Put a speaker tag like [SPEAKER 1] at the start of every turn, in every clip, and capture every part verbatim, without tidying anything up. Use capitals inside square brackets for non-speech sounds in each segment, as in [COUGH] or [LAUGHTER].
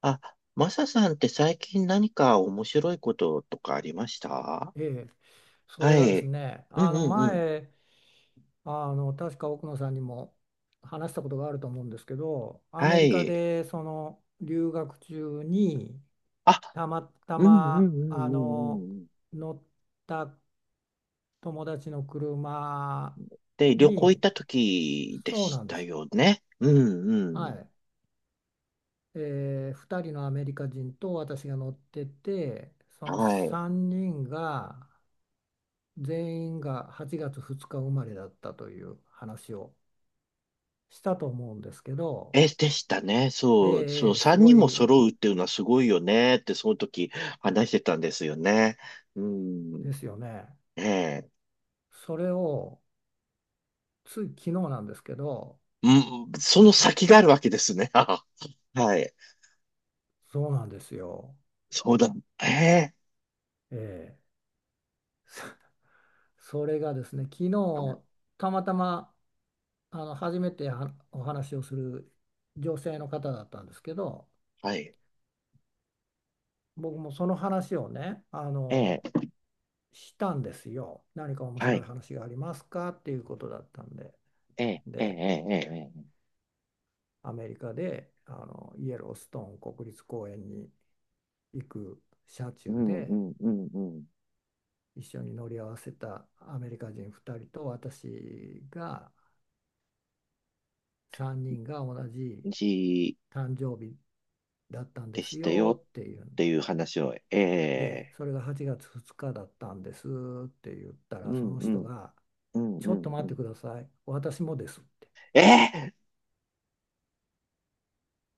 [SPEAKER 1] あ、マサさんって最近何か面白いこととかありました？
[SPEAKER 2] ええ、そ
[SPEAKER 1] は
[SPEAKER 2] れがです
[SPEAKER 1] い。
[SPEAKER 2] ね、
[SPEAKER 1] うん
[SPEAKER 2] あ
[SPEAKER 1] う
[SPEAKER 2] の
[SPEAKER 1] んうん。
[SPEAKER 2] 前、あの確か奥野さんにも話したことがあると思うんですけど、ア
[SPEAKER 1] は
[SPEAKER 2] メリカ
[SPEAKER 1] い。
[SPEAKER 2] でその留学中に
[SPEAKER 1] あ、
[SPEAKER 2] たまた
[SPEAKER 1] うんうんうん
[SPEAKER 2] ま
[SPEAKER 1] う
[SPEAKER 2] あ
[SPEAKER 1] んう
[SPEAKER 2] の
[SPEAKER 1] んうん。
[SPEAKER 2] 乗った友達の車
[SPEAKER 1] で、旅行行っ
[SPEAKER 2] に、
[SPEAKER 1] た時で
[SPEAKER 2] そう
[SPEAKER 1] し
[SPEAKER 2] なんで
[SPEAKER 1] た
[SPEAKER 2] す。
[SPEAKER 1] よね。うんう
[SPEAKER 2] は
[SPEAKER 1] ん。
[SPEAKER 2] い。えー、ふたりのアメリカ人と私が乗ってて、その
[SPEAKER 1] はい。
[SPEAKER 2] さんにんが全員がはちがつふつか生まれだったという話をしたと思うんですけど、
[SPEAKER 1] え、でしたね。
[SPEAKER 2] ええ、
[SPEAKER 1] そう、そ
[SPEAKER 2] え
[SPEAKER 1] う、
[SPEAKER 2] え、す
[SPEAKER 1] 三
[SPEAKER 2] ご
[SPEAKER 1] 人
[SPEAKER 2] い、
[SPEAKER 1] も
[SPEAKER 2] ま
[SPEAKER 1] 揃うっていうのはすごいよねって、その時話してたんですよね。うん。
[SPEAKER 2] ですよね。
[SPEAKER 1] ええ。
[SPEAKER 2] それをつい昨日なんですけど、
[SPEAKER 1] うん、その
[SPEAKER 2] は、
[SPEAKER 1] 先があるわけですね。[LAUGHS] はい。
[SPEAKER 2] そうなんですよ。
[SPEAKER 1] そうだ。ええ。
[SPEAKER 2] ええ、そ [LAUGHS] それがですね、昨
[SPEAKER 1] はい。
[SPEAKER 2] 日たまたまあの初めてはお話をする女性の方だったんですけど、
[SPEAKER 1] はい。
[SPEAKER 2] 僕もその話をね、あ
[SPEAKER 1] え
[SPEAKER 2] の、
[SPEAKER 1] え、
[SPEAKER 2] したんですよ。何か面
[SPEAKER 1] は
[SPEAKER 2] 白い
[SPEAKER 1] い。
[SPEAKER 2] 話がありますかっていうことだったんで。
[SPEAKER 1] ええ、ええ、
[SPEAKER 2] で、
[SPEAKER 1] ええ、ええ。ええ、
[SPEAKER 2] アメリカであのイエローストーン国立公園に行く車
[SPEAKER 1] う
[SPEAKER 2] 中
[SPEAKER 1] ん、う
[SPEAKER 2] で
[SPEAKER 1] ん、うん、
[SPEAKER 2] 一緒に乗り合わせたアメリカ人ふたりと私がさんにんが同じ
[SPEAKER 1] うん。じ
[SPEAKER 2] 誕生日だったんで
[SPEAKER 1] で
[SPEAKER 2] す
[SPEAKER 1] した
[SPEAKER 2] よ
[SPEAKER 1] よ
[SPEAKER 2] っていう
[SPEAKER 1] っ
[SPEAKER 2] んで、
[SPEAKER 1] ていう話を、え
[SPEAKER 2] ええ、
[SPEAKER 1] え、
[SPEAKER 2] それがはちがつふつかだったんですって言った
[SPEAKER 1] う
[SPEAKER 2] らそ
[SPEAKER 1] ん、
[SPEAKER 2] の
[SPEAKER 1] う
[SPEAKER 2] 人
[SPEAKER 1] ん、
[SPEAKER 2] が
[SPEAKER 1] うん、
[SPEAKER 2] 「ち
[SPEAKER 1] う
[SPEAKER 2] ょっと
[SPEAKER 1] ん、
[SPEAKER 2] 待
[SPEAKER 1] う
[SPEAKER 2] って
[SPEAKER 1] ん。
[SPEAKER 2] ください、私もです」って
[SPEAKER 1] ええ、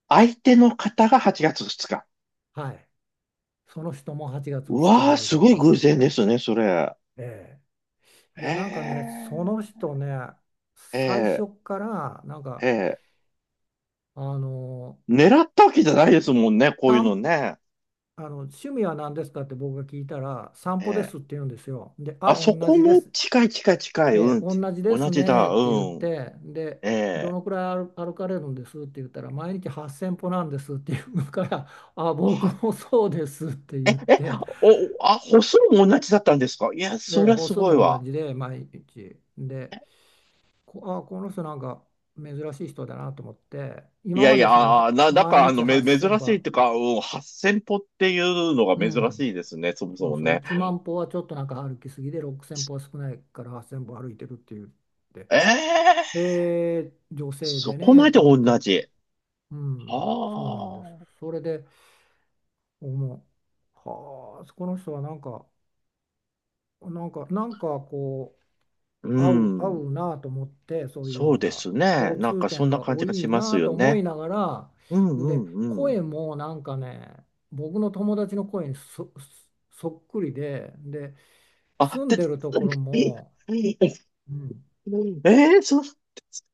[SPEAKER 1] 相手の方がはちがつふつか。
[SPEAKER 2] 「はい、その人もはちがつ
[SPEAKER 1] う
[SPEAKER 2] ふつか生
[SPEAKER 1] わあ、
[SPEAKER 2] まれ
[SPEAKER 1] す
[SPEAKER 2] だっ
[SPEAKER 1] ごい
[SPEAKER 2] た
[SPEAKER 1] 偶
[SPEAKER 2] そうで
[SPEAKER 1] 然
[SPEAKER 2] す」。
[SPEAKER 1] ですね、それ。
[SPEAKER 2] ええ、い
[SPEAKER 1] え
[SPEAKER 2] や、なんかね、その
[SPEAKER 1] え、
[SPEAKER 2] 人ね、
[SPEAKER 1] え
[SPEAKER 2] 最
[SPEAKER 1] え、
[SPEAKER 2] 初から、なん
[SPEAKER 1] え
[SPEAKER 2] か、
[SPEAKER 1] え。
[SPEAKER 2] あの、
[SPEAKER 1] 狙ったわけじゃないですもんね、こういうの
[SPEAKER 2] 散
[SPEAKER 1] ね。
[SPEAKER 2] あの趣味は何ですかって僕が聞いたら、散
[SPEAKER 1] え
[SPEAKER 2] 歩で
[SPEAKER 1] え。
[SPEAKER 2] すって言うんですよ。で、あ、
[SPEAKER 1] あ、そ
[SPEAKER 2] 同
[SPEAKER 1] こ
[SPEAKER 2] じで
[SPEAKER 1] も
[SPEAKER 2] す。
[SPEAKER 1] 近い近い近い、
[SPEAKER 2] え
[SPEAKER 1] う
[SPEAKER 2] え、
[SPEAKER 1] ん。
[SPEAKER 2] 同じで
[SPEAKER 1] 同
[SPEAKER 2] す
[SPEAKER 1] じだ、
[SPEAKER 2] ねって言っ
[SPEAKER 1] うん。
[SPEAKER 2] て、で、
[SPEAKER 1] え
[SPEAKER 2] ど
[SPEAKER 1] え。
[SPEAKER 2] のくらい歩歩かれるんですって言ったら、毎日はっせんぽ歩なんですって言うから、あ、僕
[SPEAKER 1] は、
[SPEAKER 2] もそうですって言って、
[SPEAKER 1] お、あ、歩数も同じだったんですか。いや、そ
[SPEAKER 2] で、
[SPEAKER 1] りゃ
[SPEAKER 2] 歩
[SPEAKER 1] す
[SPEAKER 2] 数
[SPEAKER 1] ごい
[SPEAKER 2] も同
[SPEAKER 1] わ。
[SPEAKER 2] じで、毎日。で、こ、あ、この人なんか珍しい人だなと思って、
[SPEAKER 1] い
[SPEAKER 2] 今
[SPEAKER 1] や
[SPEAKER 2] ま
[SPEAKER 1] い
[SPEAKER 2] で
[SPEAKER 1] や、
[SPEAKER 2] その
[SPEAKER 1] あ
[SPEAKER 2] は
[SPEAKER 1] ーな、なん
[SPEAKER 2] 毎
[SPEAKER 1] か、あ
[SPEAKER 2] 日
[SPEAKER 1] の、め、珍
[SPEAKER 2] はっせんぽ
[SPEAKER 1] しいっ
[SPEAKER 2] 歩。
[SPEAKER 1] ていうか、うん、はっせん歩っていうのが
[SPEAKER 2] う
[SPEAKER 1] 珍し
[SPEAKER 2] ん、
[SPEAKER 1] いですね、そもそ
[SPEAKER 2] そう、
[SPEAKER 1] も
[SPEAKER 2] そう、
[SPEAKER 1] ね。
[SPEAKER 2] いちまん歩はちょっとなんか歩きすぎで、ろくせん歩は少ないからはっせん歩歩いてるって言って、
[SPEAKER 1] ええ、
[SPEAKER 2] へえ、女性
[SPEAKER 1] そ
[SPEAKER 2] で
[SPEAKER 1] こ
[SPEAKER 2] ね、
[SPEAKER 1] まで
[SPEAKER 2] と思
[SPEAKER 1] 同
[SPEAKER 2] って。
[SPEAKER 1] じ。
[SPEAKER 2] う
[SPEAKER 1] あ
[SPEAKER 2] ん、そうなんです。
[SPEAKER 1] あ、
[SPEAKER 2] それで思う、はあ、この人はなんかなんかなんかこ
[SPEAKER 1] う
[SPEAKER 2] 合う、合
[SPEAKER 1] ん。
[SPEAKER 2] うなと思って、そういう
[SPEAKER 1] そう
[SPEAKER 2] の
[SPEAKER 1] で
[SPEAKER 2] が
[SPEAKER 1] すね。
[SPEAKER 2] 共
[SPEAKER 1] なん
[SPEAKER 2] 通
[SPEAKER 1] か、そ
[SPEAKER 2] 点
[SPEAKER 1] んな
[SPEAKER 2] が
[SPEAKER 1] 感
[SPEAKER 2] 多
[SPEAKER 1] じがし
[SPEAKER 2] い
[SPEAKER 1] ます
[SPEAKER 2] な
[SPEAKER 1] よ
[SPEAKER 2] と思
[SPEAKER 1] ね。
[SPEAKER 2] いながら。
[SPEAKER 1] うんう
[SPEAKER 2] で、
[SPEAKER 1] んうん。
[SPEAKER 2] 声もなんかね、僕の友達の声にそ、そっくりで、で
[SPEAKER 1] あ、
[SPEAKER 2] 住ん
[SPEAKER 1] で、
[SPEAKER 2] でるところ
[SPEAKER 1] [LAUGHS] え
[SPEAKER 2] も、うん、
[SPEAKER 1] え、そう、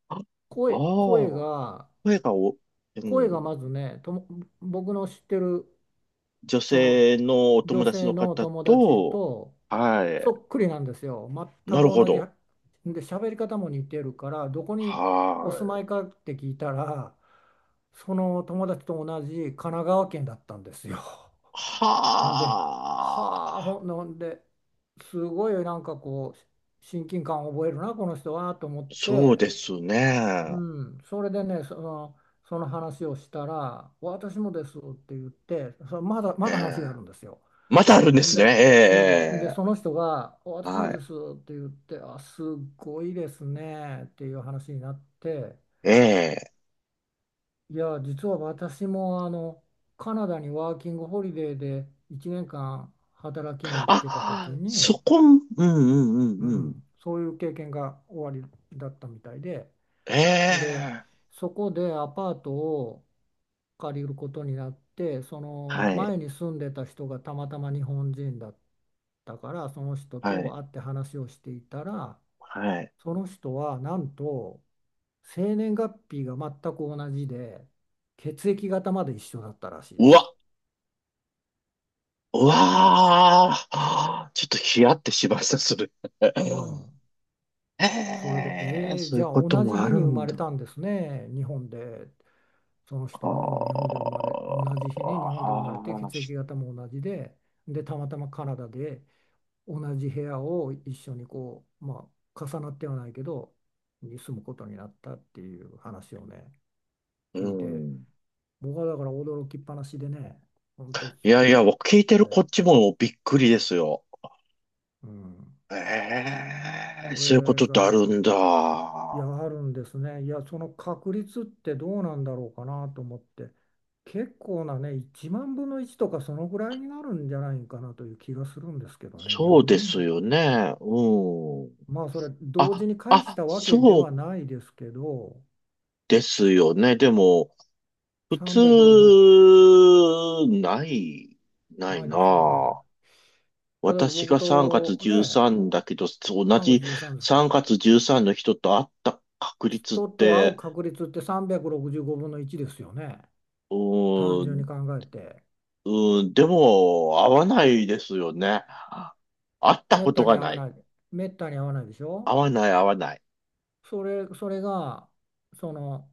[SPEAKER 1] ああ
[SPEAKER 2] 声、声
[SPEAKER 1] ー、
[SPEAKER 2] が
[SPEAKER 1] 声が、お、う
[SPEAKER 2] 声が
[SPEAKER 1] ん。
[SPEAKER 2] まずねとも、僕の知ってる
[SPEAKER 1] 女
[SPEAKER 2] その
[SPEAKER 1] 性のお友
[SPEAKER 2] 女
[SPEAKER 1] 達
[SPEAKER 2] 性
[SPEAKER 1] の
[SPEAKER 2] の
[SPEAKER 1] 方
[SPEAKER 2] 友達
[SPEAKER 1] と、
[SPEAKER 2] と
[SPEAKER 1] は
[SPEAKER 2] そ
[SPEAKER 1] い。
[SPEAKER 2] っくりなんですよ。
[SPEAKER 1] な
[SPEAKER 2] 全く
[SPEAKER 1] るほ
[SPEAKER 2] 同じ。
[SPEAKER 1] ど。
[SPEAKER 2] で、喋り方も似てるから、どこにお住
[SPEAKER 1] はい。
[SPEAKER 2] まいかって聞いたら、その友達と同じ神奈川県だったんですよ。で、
[SPEAKER 1] は
[SPEAKER 2] はあ、ほ
[SPEAKER 1] あ、
[SPEAKER 2] んなんで、すごいなんかこう、親近感を覚えるな、この人はと思っ
[SPEAKER 1] そう
[SPEAKER 2] て、
[SPEAKER 1] です
[SPEAKER 2] う
[SPEAKER 1] ね。
[SPEAKER 2] ん、それでね、その、その話をしたら、私もですって言って、そまだ、
[SPEAKER 1] え
[SPEAKER 2] まだ話があ
[SPEAKER 1] え。
[SPEAKER 2] るんですよ。
[SPEAKER 1] またあるんで
[SPEAKER 2] ほん
[SPEAKER 1] すね。
[SPEAKER 2] で、うん、で、
[SPEAKER 1] ええ、
[SPEAKER 2] その人が、
[SPEAKER 1] ええ、
[SPEAKER 2] 私も
[SPEAKER 1] は
[SPEAKER 2] で
[SPEAKER 1] い。
[SPEAKER 2] すって言って、あ、すごいですねっていう話になって、
[SPEAKER 1] ええ。
[SPEAKER 2] いや、実は私もあの、カナダにワーキングホリデーでいちねんかん働きに行ってた時
[SPEAKER 1] あ、そ
[SPEAKER 2] に、
[SPEAKER 1] こ、うんうんう
[SPEAKER 2] う
[SPEAKER 1] んうん。
[SPEAKER 2] ん、そういう経験が終わりだったみたいで。
[SPEAKER 1] え
[SPEAKER 2] で、
[SPEAKER 1] え。
[SPEAKER 2] そこでアパートを借りることになって、その
[SPEAKER 1] はい、
[SPEAKER 2] 前に住んでた人がたまたま日本人だったから、その人
[SPEAKER 1] は
[SPEAKER 2] と
[SPEAKER 1] い、
[SPEAKER 2] 会って話をしていたら、
[SPEAKER 1] はい。
[SPEAKER 2] その人はなんと生年月日が全く同じで、血液型まで一緒だったらしいで
[SPEAKER 1] う
[SPEAKER 2] す。
[SPEAKER 1] わ、うわあ、ちょっとヒヤってしました、それ。
[SPEAKER 2] うん。
[SPEAKER 1] [LAUGHS]
[SPEAKER 2] それで、
[SPEAKER 1] ええ、
[SPEAKER 2] えー、
[SPEAKER 1] そうい
[SPEAKER 2] じ
[SPEAKER 1] う
[SPEAKER 2] ゃあ
[SPEAKER 1] こと
[SPEAKER 2] 同じ
[SPEAKER 1] もあ
[SPEAKER 2] 日
[SPEAKER 1] る
[SPEAKER 2] に生
[SPEAKER 1] ん
[SPEAKER 2] まれ
[SPEAKER 1] だ。
[SPEAKER 2] たんですね、日本で。その
[SPEAKER 1] あ
[SPEAKER 2] 人も日本で生まれ、同じ日に日
[SPEAKER 1] あ、
[SPEAKER 2] 本で生まれて
[SPEAKER 1] あ
[SPEAKER 2] 血液型も同じで、で、たまたまカナダで同じ部屋を一緒にこう、まあ、重なってはないけど、に住むことになったっていう話をね、
[SPEAKER 1] ーう
[SPEAKER 2] 聞いて、
[SPEAKER 1] ん。
[SPEAKER 2] 僕はだから驚きっぱなしでね、本当、
[SPEAKER 1] いやい
[SPEAKER 2] き
[SPEAKER 1] や、聞いて
[SPEAKER 2] こ
[SPEAKER 1] る
[SPEAKER 2] れ、
[SPEAKER 1] こっちもびっくりですよ。
[SPEAKER 2] うん、
[SPEAKER 1] え
[SPEAKER 2] こ
[SPEAKER 1] え、そういうこと
[SPEAKER 2] れ
[SPEAKER 1] ってあ
[SPEAKER 2] が
[SPEAKER 1] るんだ。
[SPEAKER 2] いや、あるんですね。いや、その確率ってどうなんだろうかなと思って、結構なね、いちまんぶんのいちとかそのぐらいになるんじゃないかなという気がするんですけどね、
[SPEAKER 1] そうで
[SPEAKER 2] よにん。
[SPEAKER 1] すよね。うん。
[SPEAKER 2] まあ、それ、同
[SPEAKER 1] あ、
[SPEAKER 2] 時に返し
[SPEAKER 1] あ、
[SPEAKER 2] たわけで
[SPEAKER 1] そ
[SPEAKER 2] は
[SPEAKER 1] う
[SPEAKER 2] ないですけど、
[SPEAKER 1] ですよね。でも、普
[SPEAKER 2] さんびゃくろくじゅう、
[SPEAKER 1] 通、ない、ない
[SPEAKER 2] ない
[SPEAKER 1] な
[SPEAKER 2] ですよね。
[SPEAKER 1] あ。
[SPEAKER 2] 例えば
[SPEAKER 1] 私
[SPEAKER 2] 僕
[SPEAKER 1] がさんがつ
[SPEAKER 2] とね、
[SPEAKER 1] じゅうさんだけど、同
[SPEAKER 2] さんがつ
[SPEAKER 1] じ
[SPEAKER 2] じゅうさんですか、
[SPEAKER 1] さんがつじゅうさんの人と会った確率っ
[SPEAKER 2] 人と会う
[SPEAKER 1] て、
[SPEAKER 2] 確率ってさんびゃくろくじゅうごぶんのいちですよね、
[SPEAKER 1] う
[SPEAKER 2] 単
[SPEAKER 1] ー
[SPEAKER 2] 純
[SPEAKER 1] ん、
[SPEAKER 2] に考えて。
[SPEAKER 1] うーん、でも、合わないですよね。会った
[SPEAKER 2] めっ
[SPEAKER 1] こと
[SPEAKER 2] たに
[SPEAKER 1] が
[SPEAKER 2] 会
[SPEAKER 1] な
[SPEAKER 2] わ
[SPEAKER 1] い。
[SPEAKER 2] ない、めったに会わないでし
[SPEAKER 1] 合
[SPEAKER 2] ょ。
[SPEAKER 1] わない、合わない。
[SPEAKER 2] それ、それがその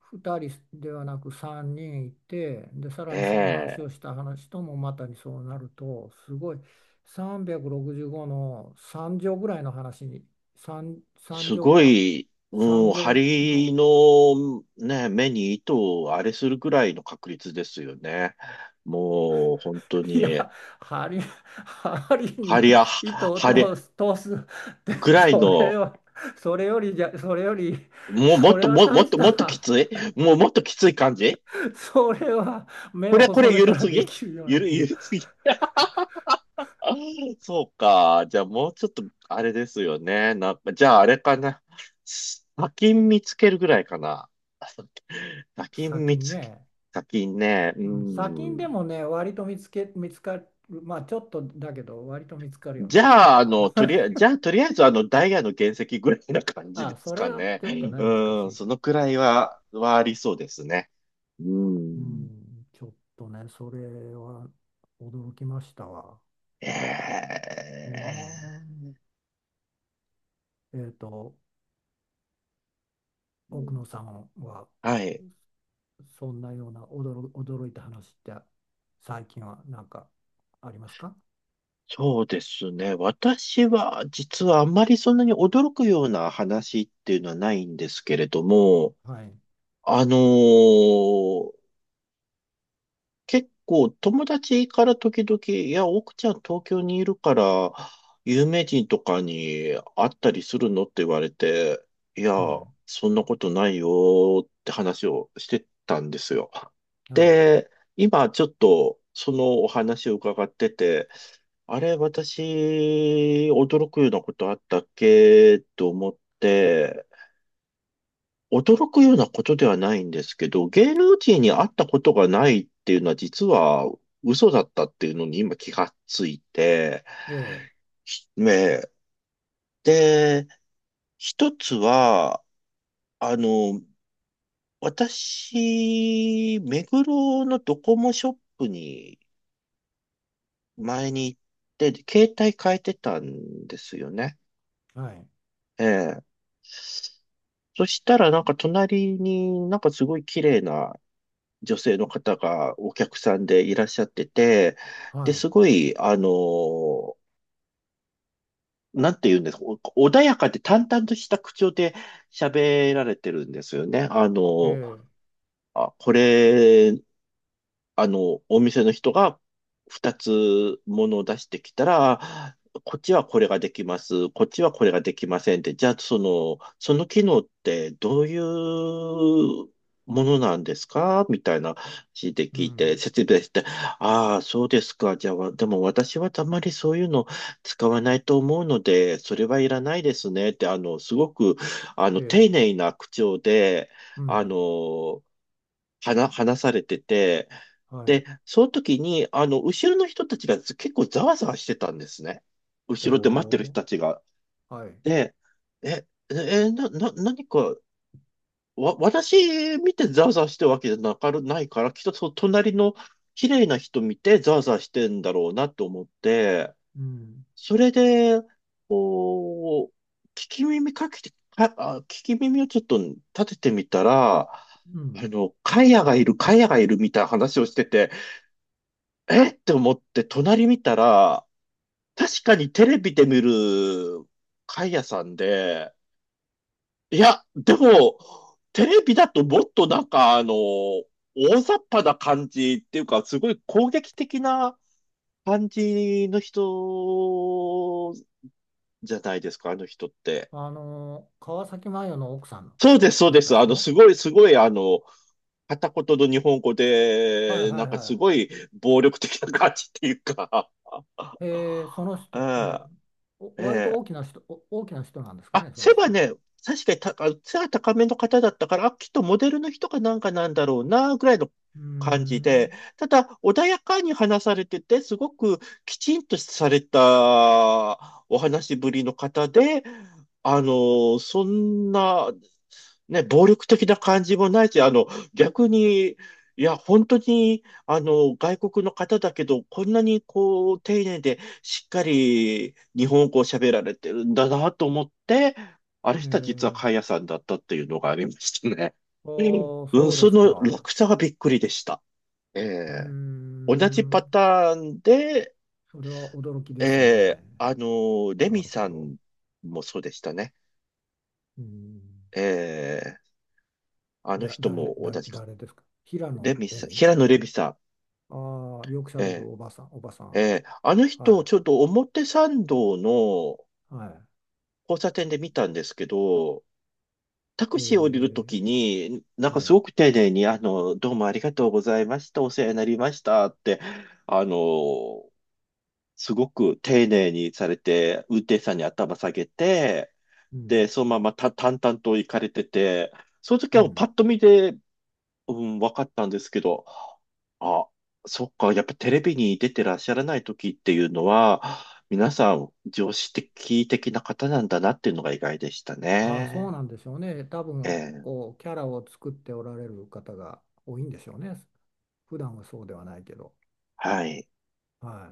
[SPEAKER 2] ふたりではなくさんにんいてで、さ
[SPEAKER 1] え
[SPEAKER 2] らにその話
[SPEAKER 1] え、
[SPEAKER 2] をした話ともまたにそうなるとすごいさんびゃくろくじゅうごのさん乗ぐらいの話に、さん、さん
[SPEAKER 1] す
[SPEAKER 2] 乗
[SPEAKER 1] ご
[SPEAKER 2] か、
[SPEAKER 1] い、う
[SPEAKER 2] さん
[SPEAKER 1] ん、
[SPEAKER 2] 乗
[SPEAKER 1] 針
[SPEAKER 2] の
[SPEAKER 1] の、ね、目に糸をあれするくらいの確率ですよね。もう、本当
[SPEAKER 2] [LAUGHS] いや、
[SPEAKER 1] に、
[SPEAKER 2] 針、針に
[SPEAKER 1] 針や、
[SPEAKER 2] 糸を
[SPEAKER 1] 針
[SPEAKER 2] 通す、通すって、
[SPEAKER 1] ぐらい
[SPEAKER 2] そ
[SPEAKER 1] の、
[SPEAKER 2] れは、それよりじゃ、それより、
[SPEAKER 1] もう、も
[SPEAKER 2] そ
[SPEAKER 1] っ
[SPEAKER 2] れ
[SPEAKER 1] と、
[SPEAKER 2] は
[SPEAKER 1] も、も
[SPEAKER 2] 大
[SPEAKER 1] っ
[SPEAKER 2] し
[SPEAKER 1] と、もっとき
[SPEAKER 2] た
[SPEAKER 1] つい、もう、もっときつい感じ。
[SPEAKER 2] それは目
[SPEAKER 1] こ
[SPEAKER 2] を
[SPEAKER 1] れ、こ
[SPEAKER 2] 細
[SPEAKER 1] れ、
[SPEAKER 2] め
[SPEAKER 1] ゆる
[SPEAKER 2] たら
[SPEAKER 1] す
[SPEAKER 2] で
[SPEAKER 1] ぎ、
[SPEAKER 2] きるよう
[SPEAKER 1] ゆ
[SPEAKER 2] な
[SPEAKER 1] る、
[SPEAKER 2] 気が。
[SPEAKER 1] ゆるすぎ。 [LAUGHS] そうか。じゃあもうちょっと、あれですよね。な、じゃああれかな。砂金見つけるぐらいかな。[LAUGHS] 砂金
[SPEAKER 2] 砂
[SPEAKER 1] 見
[SPEAKER 2] 金
[SPEAKER 1] つけ、
[SPEAKER 2] ね。
[SPEAKER 1] 砂金ね。う
[SPEAKER 2] うん、砂金で
[SPEAKER 1] ん。
[SPEAKER 2] もね、割と見つけ、見つかる、まあちょっとだけど、割と見つかるよ
[SPEAKER 1] じ
[SPEAKER 2] ね。
[SPEAKER 1] ゃあ、あ
[SPEAKER 2] あ、
[SPEAKER 1] の、とりあえず、じゃあ、とりあえず、あの、ダイヤの原石ぐらいな感
[SPEAKER 2] [LAUGHS]
[SPEAKER 1] じで
[SPEAKER 2] あ、
[SPEAKER 1] す
[SPEAKER 2] それ
[SPEAKER 1] か
[SPEAKER 2] は
[SPEAKER 1] ね。
[SPEAKER 2] ちょっとね、難
[SPEAKER 1] う
[SPEAKER 2] し
[SPEAKER 1] ん、
[SPEAKER 2] い。
[SPEAKER 1] そのくらいは、はありそうですね。う
[SPEAKER 2] う
[SPEAKER 1] ん。
[SPEAKER 2] ん、ちょっとね、それは驚きましたわ。うん。
[SPEAKER 1] ええ、
[SPEAKER 2] えっと、
[SPEAKER 1] う
[SPEAKER 2] 奥野
[SPEAKER 1] ん、
[SPEAKER 2] さんは、
[SPEAKER 1] はい。
[SPEAKER 2] そんなような驚、驚いた話って、最近はなんかありますか？
[SPEAKER 1] そうですね。私は、実はあんまりそんなに驚くような話っていうのはないんですけれども、
[SPEAKER 2] はい。
[SPEAKER 1] あのー結構友達から時々、いや、奥ちゃん東京にいるから、有名人とかに会ったりするのって言われて、いや、
[SPEAKER 2] うん。
[SPEAKER 1] そんなことないよって話をしてたんですよ。
[SPEAKER 2] はい。
[SPEAKER 1] で、今ちょっとそのお話を伺ってて、あれ、私、驚くようなことあったっけと思って、驚くようなことではないんですけど、芸能人に会ったことがないっていうのは実は嘘だったっていうのに今気がついて、
[SPEAKER 2] ええ。
[SPEAKER 1] ねえ、で、一つは、あの、私、目黒のドコモショップに前に行って、携帯変えてたんですよね。
[SPEAKER 2] はい。
[SPEAKER 1] ええ。そしたらなんか隣になんかすごい綺麗な女性の方がお客さんでいらっしゃってて、で、
[SPEAKER 2] は
[SPEAKER 1] すごい、あの、なんて言うんですか、お穏やかで淡々とした口調で喋られてるんですよね。あ
[SPEAKER 2] い。え
[SPEAKER 1] の、
[SPEAKER 2] え。
[SPEAKER 1] あ、これ、あの、お店の人がふたつものを出してきたら、こっちはこれができます、こっちはこれができませんって、じゃあその、その機能ってどういうものなんですかみたいな話で
[SPEAKER 2] う
[SPEAKER 1] 聞いて、
[SPEAKER 2] ん。
[SPEAKER 1] 説明して、ああ、そうですか。じゃあ、わでも私はあまりそういうの使わないと思うので、それはいらないですねって、あの、すごく、あの、
[SPEAKER 2] え
[SPEAKER 1] 丁
[SPEAKER 2] え。
[SPEAKER 1] 寧な口調で、
[SPEAKER 2] う
[SPEAKER 1] あ
[SPEAKER 2] ん。
[SPEAKER 1] の、話、話されてて、
[SPEAKER 2] はい。
[SPEAKER 1] で、その時に、あの、後ろの人たちが結構ざわざわしてたんですね。後ろで待ってる
[SPEAKER 2] お
[SPEAKER 1] 人
[SPEAKER 2] ー。
[SPEAKER 1] たちが。
[SPEAKER 2] はい。
[SPEAKER 1] で、え、え、え、な、な、何か、わ、私見てざわざわしてるわけじゃなかる、ないから、きっとその隣の綺麗な人見てざわざわしてんだろうなと思って、
[SPEAKER 2] うん。
[SPEAKER 1] それで、こう、聞き耳かけて、か、あ、聞き耳をちょっと立ててみたら、
[SPEAKER 2] うん。
[SPEAKER 1] あの、カヤがいる、カヤがいるみたいな話をしてて、えって思って隣見たら、確かにテレビで見るカヤさんで、いや、でも、テレビだともっとなんかあの、大雑把な感じっていうか、すごい攻撃的な感じの人じゃないですか、あの人って。
[SPEAKER 2] あのー川崎麻世の奥さん
[SPEAKER 1] そうです、そう
[SPEAKER 2] だっ
[SPEAKER 1] で
[SPEAKER 2] た
[SPEAKER 1] す。あの、す
[SPEAKER 2] 人。
[SPEAKER 1] ごい、すごい、あの、片言の日本語
[SPEAKER 2] はい
[SPEAKER 1] で、
[SPEAKER 2] は
[SPEAKER 1] な
[SPEAKER 2] い
[SPEAKER 1] んかす
[SPEAKER 2] は
[SPEAKER 1] ごい暴力的な感じっていうか、
[SPEAKER 2] い。えー、その
[SPEAKER 1] [LAUGHS] う
[SPEAKER 2] 人、え
[SPEAKER 1] ん、
[SPEAKER 2] ー、お割と
[SPEAKER 1] え
[SPEAKER 2] 大き
[SPEAKER 1] え、
[SPEAKER 2] な人、お大きな人なんですか
[SPEAKER 1] あ、
[SPEAKER 2] ね、そ
[SPEAKER 1] 背
[SPEAKER 2] の
[SPEAKER 1] が
[SPEAKER 2] 人は。
[SPEAKER 1] ね、確かにた、背が高めの方だったから、あ、きっとモデルの人かなんかなんだろうな、ぐらいの
[SPEAKER 2] うー
[SPEAKER 1] 感じで、
[SPEAKER 2] ん。
[SPEAKER 1] ただ、穏やかに話されてて、すごくきちんとされたお話しぶりの方で、あの、そんな、ね、暴力的な感じもないし、あの、逆に、いや、本当に、あの、外国の方だけど、こんなにこう、丁寧でしっかり日本語を喋られてるんだなと思って、あれ
[SPEAKER 2] え
[SPEAKER 1] した実は
[SPEAKER 2] ー、
[SPEAKER 1] カンヤさんだったっていうのがありましたね。
[SPEAKER 2] ああ、
[SPEAKER 1] うん、
[SPEAKER 2] そうで
[SPEAKER 1] そ
[SPEAKER 2] す
[SPEAKER 1] の
[SPEAKER 2] か。
[SPEAKER 1] 落差がびっくりでした。え
[SPEAKER 2] うー
[SPEAKER 1] え、同じパ
[SPEAKER 2] ん。
[SPEAKER 1] ターンで、
[SPEAKER 2] それは驚きで
[SPEAKER 1] え
[SPEAKER 2] す
[SPEAKER 1] え、
[SPEAKER 2] ね。
[SPEAKER 1] あの、レ
[SPEAKER 2] な
[SPEAKER 1] ミ
[SPEAKER 2] るほ
[SPEAKER 1] さ
[SPEAKER 2] ど。
[SPEAKER 1] んもそうでしたね。
[SPEAKER 2] うーん。
[SPEAKER 1] ええ、あの
[SPEAKER 2] だ、
[SPEAKER 1] 人
[SPEAKER 2] 誰、
[SPEAKER 1] も同
[SPEAKER 2] 誰、
[SPEAKER 1] じか。
[SPEAKER 2] 誰ですか、平
[SPEAKER 1] レ
[SPEAKER 2] 野
[SPEAKER 1] ミ
[SPEAKER 2] レ
[SPEAKER 1] さん、
[SPEAKER 2] ミ。
[SPEAKER 1] 平野レミさん。
[SPEAKER 2] ああ、よくしゃべる
[SPEAKER 1] え
[SPEAKER 2] おばさん、おばさ
[SPEAKER 1] え、え
[SPEAKER 2] ん。
[SPEAKER 1] え、あの
[SPEAKER 2] は
[SPEAKER 1] 人、
[SPEAKER 2] い。
[SPEAKER 1] ちょっと表参道の
[SPEAKER 2] は
[SPEAKER 1] 交差点で見たんですけど、タ
[SPEAKER 2] い。
[SPEAKER 1] ク
[SPEAKER 2] え
[SPEAKER 1] シー降りるとき
[SPEAKER 2] ー、
[SPEAKER 1] に、なんか
[SPEAKER 2] は
[SPEAKER 1] す
[SPEAKER 2] い。
[SPEAKER 1] ごく丁寧に、あの、どうもありがとうございました、お世話になりましたって、あの、すごく丁寧にされて、運転手さんに頭下げて、
[SPEAKER 2] うん。
[SPEAKER 1] で、そのままた淡々と行かれてて、その時
[SPEAKER 2] う
[SPEAKER 1] はパ
[SPEAKER 2] ん。
[SPEAKER 1] ッと見で、うん、分かったんですけど、あ、そっか、やっぱテレビに出てらっしゃらない時っていうのは、皆さん常識的な方なんだなっていうのが意外でした
[SPEAKER 2] ああ、そう
[SPEAKER 1] ね。
[SPEAKER 2] なんでしょうね。多
[SPEAKER 1] え
[SPEAKER 2] 分、
[SPEAKER 1] え、
[SPEAKER 2] こう、キャラを作っておられる方が多いんでしょうね。普段はそうではないけど。
[SPEAKER 1] はい。
[SPEAKER 2] はい。